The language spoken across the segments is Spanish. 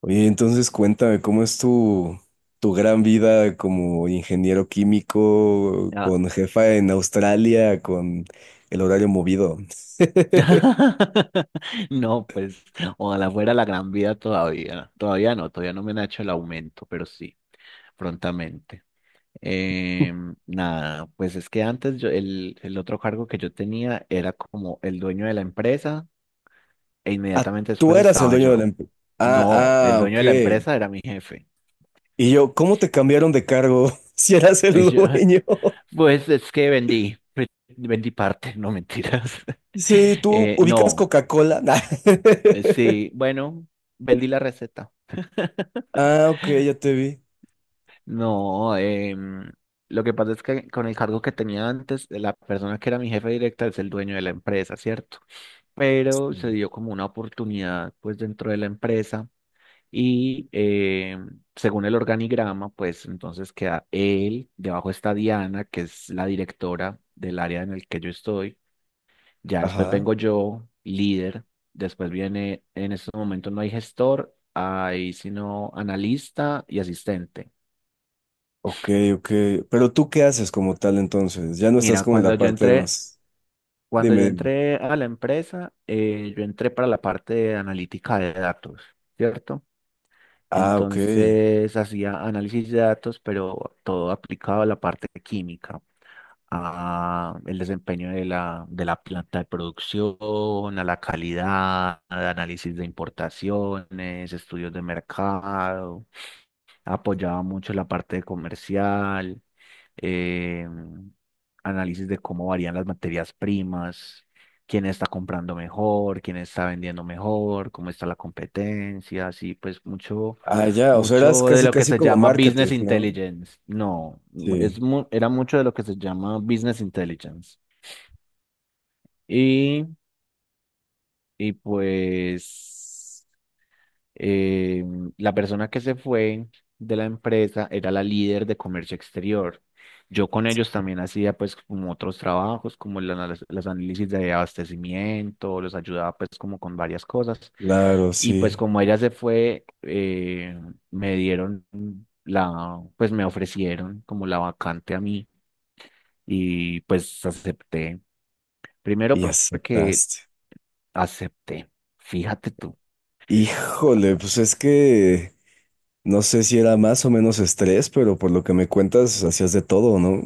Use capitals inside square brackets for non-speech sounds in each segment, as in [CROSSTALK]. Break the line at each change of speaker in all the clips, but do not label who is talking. Oye, entonces cuéntame, ¿cómo es tu gran vida como ingeniero químico,
Ah.
con jefa en Australia, con el horario movido? [LAUGHS]
[LAUGHS] No, pues, ojalá fuera la gran vida todavía. Todavía no me han hecho el aumento, pero sí, prontamente. Nada, pues es que antes yo, el otro cargo que yo tenía era como el dueño de la empresa e
Ah,
inmediatamente
tú
después
eras el
estaba
dueño de la
yo.
empresa.
No, el
Ah, ah,
dueño
ok.
de la empresa era mi jefe.
Y yo, ¿cómo te cambiaron de cargo [LAUGHS] si eras
Y
el
yo, [LAUGHS]
dueño? [LAUGHS]
pues es que vendí, [LAUGHS] vendí parte, no mentiras. [LAUGHS]
Sí, tú ubicas
No.
Coca-Cola. [LAUGHS] Nah.
Sí, bueno, vendí la receta. [LAUGHS]
Ah, ok, ya te vi.
No, lo que pasa es que con el cargo que tenía antes, la persona que era mi jefe directa es el dueño de la empresa, ¿cierto?
Sí.
Pero se dio como una oportunidad pues dentro de la empresa y según el organigrama, pues entonces queda él, debajo está Diana, que es la directora del área en el que yo estoy. Ya después
Ajá,
vengo yo, líder. Después viene, en estos momentos no hay gestor, hay sino analista y asistente.
ok, ok. ¿Pero tú qué haces como tal entonces? Ya no estás
Mira,
como en la parte de más.
cuando
Dime,
yo
dime.
entré a la empresa, yo entré para la parte de analítica de datos, ¿cierto?
Ah, ok.
Entonces hacía análisis de datos, pero todo aplicado a la parte química, a el desempeño de la planta de producción, a la calidad, a análisis de importaciones, estudios de mercado, apoyaba mucho la parte de comercial, em, análisis de cómo varían las materias primas, quién está comprando mejor, quién está vendiendo mejor, cómo está la competencia, así pues mucho,
Ah, ya, o sea, eras
mucho de
casi,
lo que
casi
se
como
llama business
marketing, ¿no?
intelligence. No,
Sí,
era mucho de lo que se llama business intelligence. Y, y pues... eh, la persona que se fue de la empresa era la líder de comercio exterior. Yo con ellos también hacía pues como otros trabajos, como los análisis de abastecimiento, los ayudaba pues como con varias cosas.
claro,
Y pues
sí.
como ella se fue, me dieron pues me ofrecieron como la vacante a mí y pues acepté. Primero
Y
porque
aceptaste.
acepté. Fíjate tú.
Híjole, pues es que no sé si era más o menos estrés, pero por lo que me cuentas, hacías de todo, ¿no?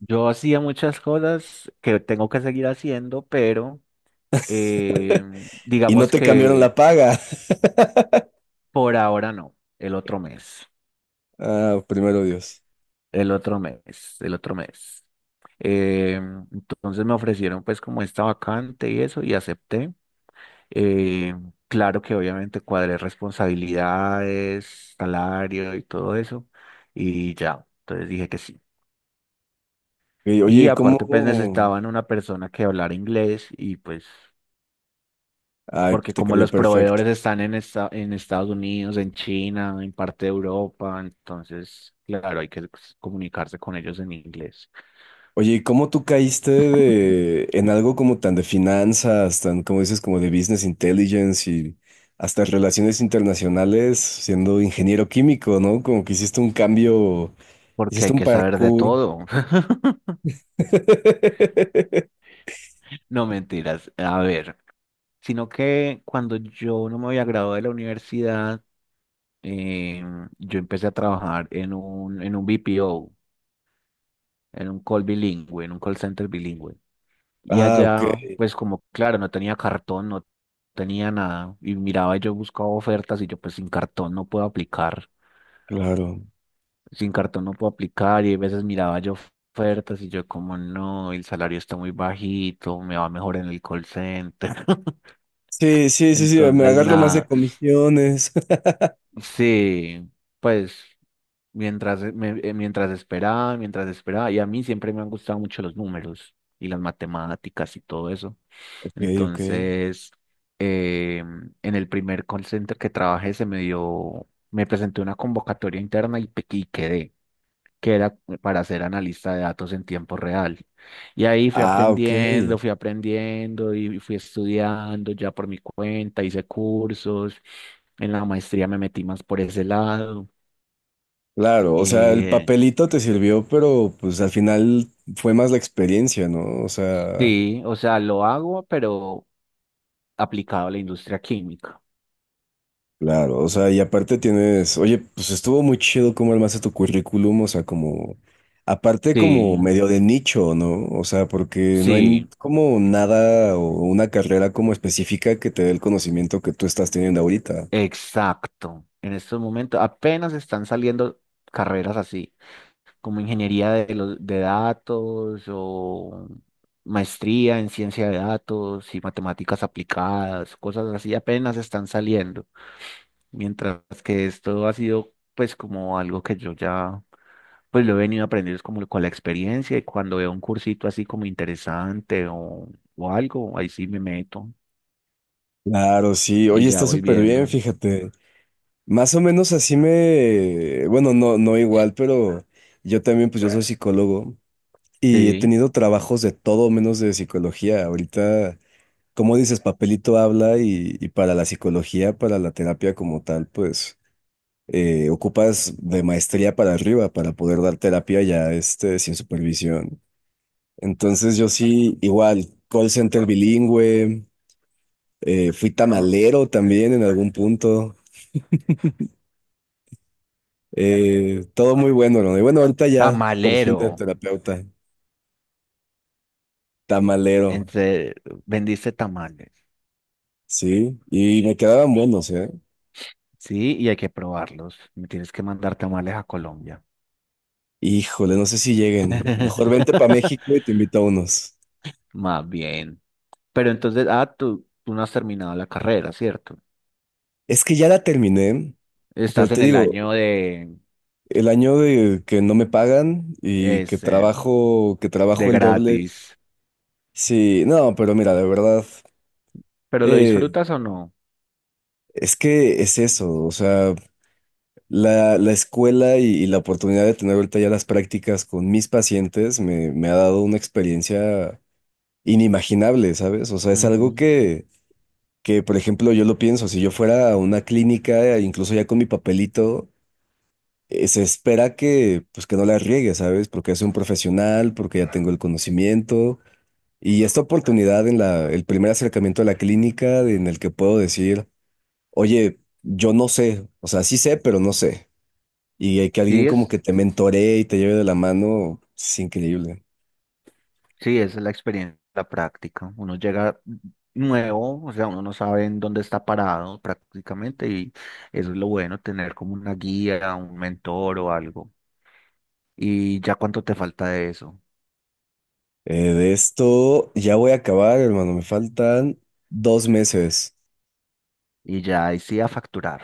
Yo hacía muchas cosas que tengo que seguir haciendo, pero eh,
Y no
digamos
te cambiaron la
que
paga. [LAUGHS]
por ahora no, el otro mes,
Ah, primero Dios.
el otro mes, el otro mes. Eh, entonces me ofrecieron pues como esta vacante y eso y acepté. Eh, claro que obviamente cuadré responsabilidades, salario y todo eso y ya, entonces dije que sí.
Y, oye,
Y
¿y
aparte pues
cómo?
necesitaban una persona que hablara inglés y pues...
Ay,
porque
te
como
cayó
los
perfecto.
proveedores están en Estados Unidos, en China, en parte de Europa, entonces, claro, hay que pues, comunicarse con ellos en inglés,
Oye, ¿y cómo tú caíste de, en algo como tan de finanzas, tan como dices, como de business intelligence y hasta relaciones internacionales, siendo ingeniero químico, ¿no? Como que hiciste un cambio,
porque
hiciste
hay
un
que saber de
parkour.
todo. [LAUGHS]
[LAUGHS]
No mentiras, a ver, sino que cuando yo no me había graduado de la universidad, eh, yo empecé a trabajar en un BPO, en un call bilingüe, en un call center bilingüe. Y
Ah, ok,
allá, pues como, claro, no tenía cartón, no tenía nada. Y miraba, yo buscaba ofertas y yo pues sin cartón no puedo aplicar.
claro.
Sin cartón no puedo aplicar. Y a veces miraba yo ofertas y yo como, no, el salario está muy bajito, me va mejor en el call center. [LAUGHS]
Sí, me
Entonces,
agarro más de
nada,
comisiones. [LAUGHS]
sí, pues mientras, mientras esperaba, mientras esperaba. Y a mí siempre me han gustado mucho los números y las matemáticas y todo eso.
Ok, ok.
Entonces, eh, en el primer call center que trabajé se me dio, me presenté una convocatoria interna y, y quedé, que era para ser analista de datos en tiempo real. Y ahí
Ah, ok.
fui aprendiendo y fui estudiando ya por mi cuenta, hice cursos, en la maestría me metí más por ese lado.
Claro, o sea, el
Eh,
papelito te sirvió, pero pues al final fue más la experiencia, ¿no? O sea...
sí, o sea, lo hago, pero aplicado a la industria química.
Claro, o sea, y aparte tienes, oye, pues estuvo muy chido cómo armaste tu currículum, o sea, como, aparte como
Sí,
medio de nicho, ¿no? O sea, porque no hay
sí.
como nada o una carrera como específica que te dé el conocimiento que tú estás teniendo ahorita.
Exacto. En estos momentos apenas están saliendo carreras así, como de datos o maestría en ciencia de datos y matemáticas aplicadas, cosas así apenas están saliendo. Mientras que esto ha sido pues como algo que yo ya pues lo he venido aprendiendo es como con la experiencia y cuando veo un cursito así como interesante o algo, ahí sí me meto
Claro, sí,
y
oye,
ya
está
voy
súper bien,
viendo.
fíjate. Más o menos así me, bueno, no, no igual, pero yo también, pues yo soy psicólogo y he
Sí.
tenido trabajos de todo menos de psicología. Ahorita... Como dices, papelito habla y para la psicología, para la terapia como tal, pues ocupas de maestría para arriba para poder dar terapia ya este, sin supervisión. Entonces yo sí, igual, call center bilingüe, fui tamalero también en algún punto, todo muy bueno, ¿no? Y bueno, ahorita ya, por fin de
Tamalero.
terapeuta, tamalero,
Entre, vendiste tamales.
¿sí? Y me quedaban buenos, ¿eh?
Sí, y hay que probarlos. Me tienes que mandar tamales a Colombia.
Híjole, no sé si lleguen. Mejor vente para
[LAUGHS]
México y te invito a unos.
Más bien. Pero entonces, ah, tú no has terminado la carrera, ¿cierto?
Es que ya la terminé, pero
Estás
te
en el
digo,
año de
el año de que no me pagan y
ese,
que trabajo
de
el doble.
gratis.
Sí, no, pero mira, de verdad,
¿Pero lo
eh,
disfrutas o no?
es que es eso, o sea, la escuela y la oportunidad de tener ahorita ya las prácticas con mis pacientes me, me ha dado una experiencia inimaginable, ¿sabes? O sea, es algo
Ujú.
que, por ejemplo, yo lo pienso, si yo fuera a una clínica, incluso ya con mi papelito. Se espera que, pues, que no la riegue, ¿sabes? Porque es un profesional, porque ya tengo el conocimiento. Y esta oportunidad en la, el primer acercamiento a la clínica en el que puedo decir, oye, yo no sé, o sea, sí sé, pero no sé. Y hay que alguien
¿Sí
como
es?
que te mentoree y te lleve de la mano, es increíble.
Sí, esa es la experiencia, la práctica. Uno llega nuevo, o sea, uno no sabe en dónde está parado prácticamente y eso es lo bueno, tener como una guía, un mentor o algo. Y ya cuánto te falta de eso.
De esto ya voy a acabar, hermano, me faltan 2 meses.
Y ya ahí sí a facturar.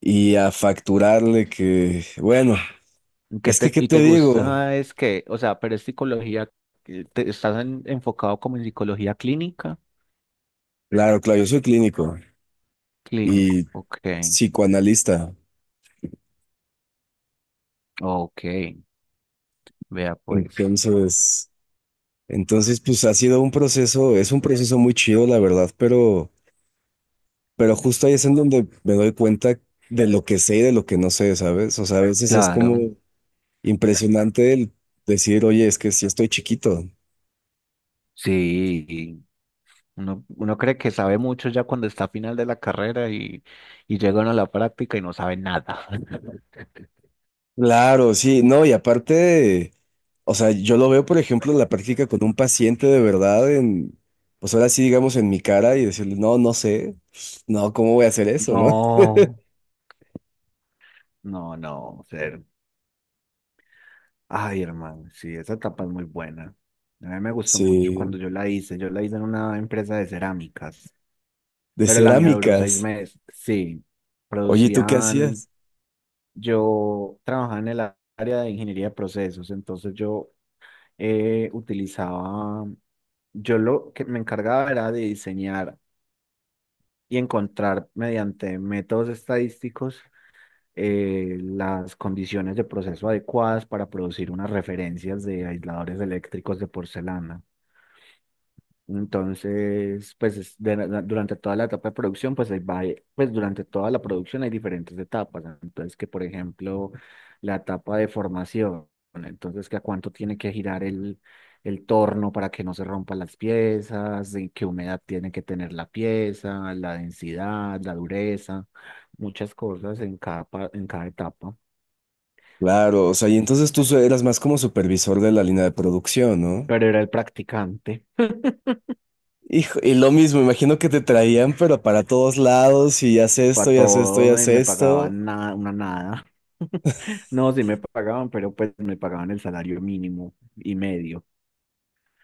Y a facturarle que, bueno,
¿Qué
es que,
te,
¿qué
y
te
te
digo?
gusta es que, o sea, pero es psicología, estás enfocado como en psicología clínica?
Claro, claro, yo soy clínico.
Clínico,
Y
ok,
psicoanalista.
ok, vea pues.
Entonces, entonces, pues ha sido un proceso, es un proceso muy chido, la verdad, pero justo ahí es en donde me doy cuenta de lo que sé y de lo que no sé, ¿sabes? O sea, a veces es
Claro,
como impresionante el decir, oye, es que sí estoy chiquito.
sí, uno cree que sabe mucho ya cuando está a final de la carrera y llegan a la práctica y no sabe nada. [LAUGHS]
Claro, sí, no, y aparte, o sea, yo lo veo, por ejemplo, en la práctica con un paciente de verdad, en, pues ahora sí, digamos, en mi cara y decirle, no, no sé, no, ¿cómo voy a hacer eso, no? [LAUGHS]
No, no, no. Ay, hermano, sí, esa etapa es muy buena. A mí me gustó mucho
Sí,
cuando yo la hice. Yo la hice en una empresa de cerámicas,
de
pero la mía duró seis
cerámicas.
meses. Sí,
Oye, ¿y tú qué
producían,
hacías?
yo trabajaba en el área de ingeniería de procesos, entonces yo eh, utilizaba, yo lo que me encargaba era de diseñar y encontrar mediante métodos estadísticos las condiciones de proceso adecuadas para producir unas referencias de aisladores eléctricos de porcelana. Entonces, pues es durante toda la etapa de producción, pues, ahí va, pues durante toda la producción hay diferentes etapas. Entonces, que por ejemplo, la etapa de formación, entonces que a cuánto tiene que girar el torno para que no se rompan las piezas, y qué humedad tiene que tener la pieza, la densidad, la dureza, muchas cosas en cada etapa.
Claro, o sea, y entonces tú so- eras más como supervisor de la línea de producción, ¿no?
Pero era el practicante.
Hijo, y lo mismo, imagino que te traían, pero para todos lados, y haz esto,
Para
y haz esto, y
todo y
haz
me
esto.
pagaban nada, una nada. [LAUGHS] No, sí me pagaban, pero pues me pagaban el salario mínimo y medio.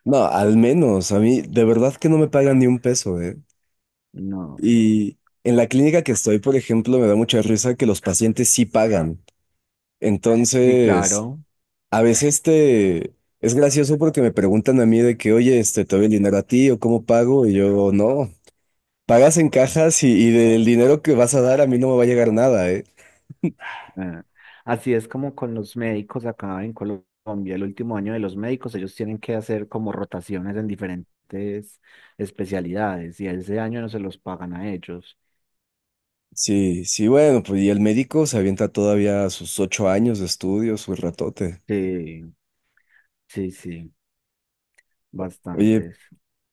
No, al menos, a mí, de verdad que no me pagan ni un peso, ¿eh?
No,
Y en la clínica que estoy, por ejemplo, me da mucha risa que los pacientes sí pagan.
sí,
Entonces,
claro.
a veces te... Es gracioso porque me preguntan a mí de que, oye, este, ¿te doy el dinero a ti o cómo pago? Y yo, no. Pagas en cajas y del dinero que vas a dar a mí no me va a llegar nada, ¿eh?
eh, Así es como con los médicos acá en Colombia, el último año de los médicos, ellos tienen que hacer como rotaciones en diferentes especialidades y ese año no se los pagan a ellos.
Sí, sí, bueno, pues y el médico se avienta todavía sus 8 años de estudio, su ratote.
Sí, sí, sí,
Oye,
bastantes.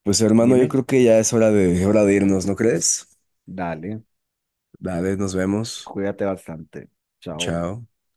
pues hermano, yo
Dime,
creo que ya es hora de irnos, ¿no crees?
dale,
Vale, nos vemos.
cuídate bastante. Chao.
Chao.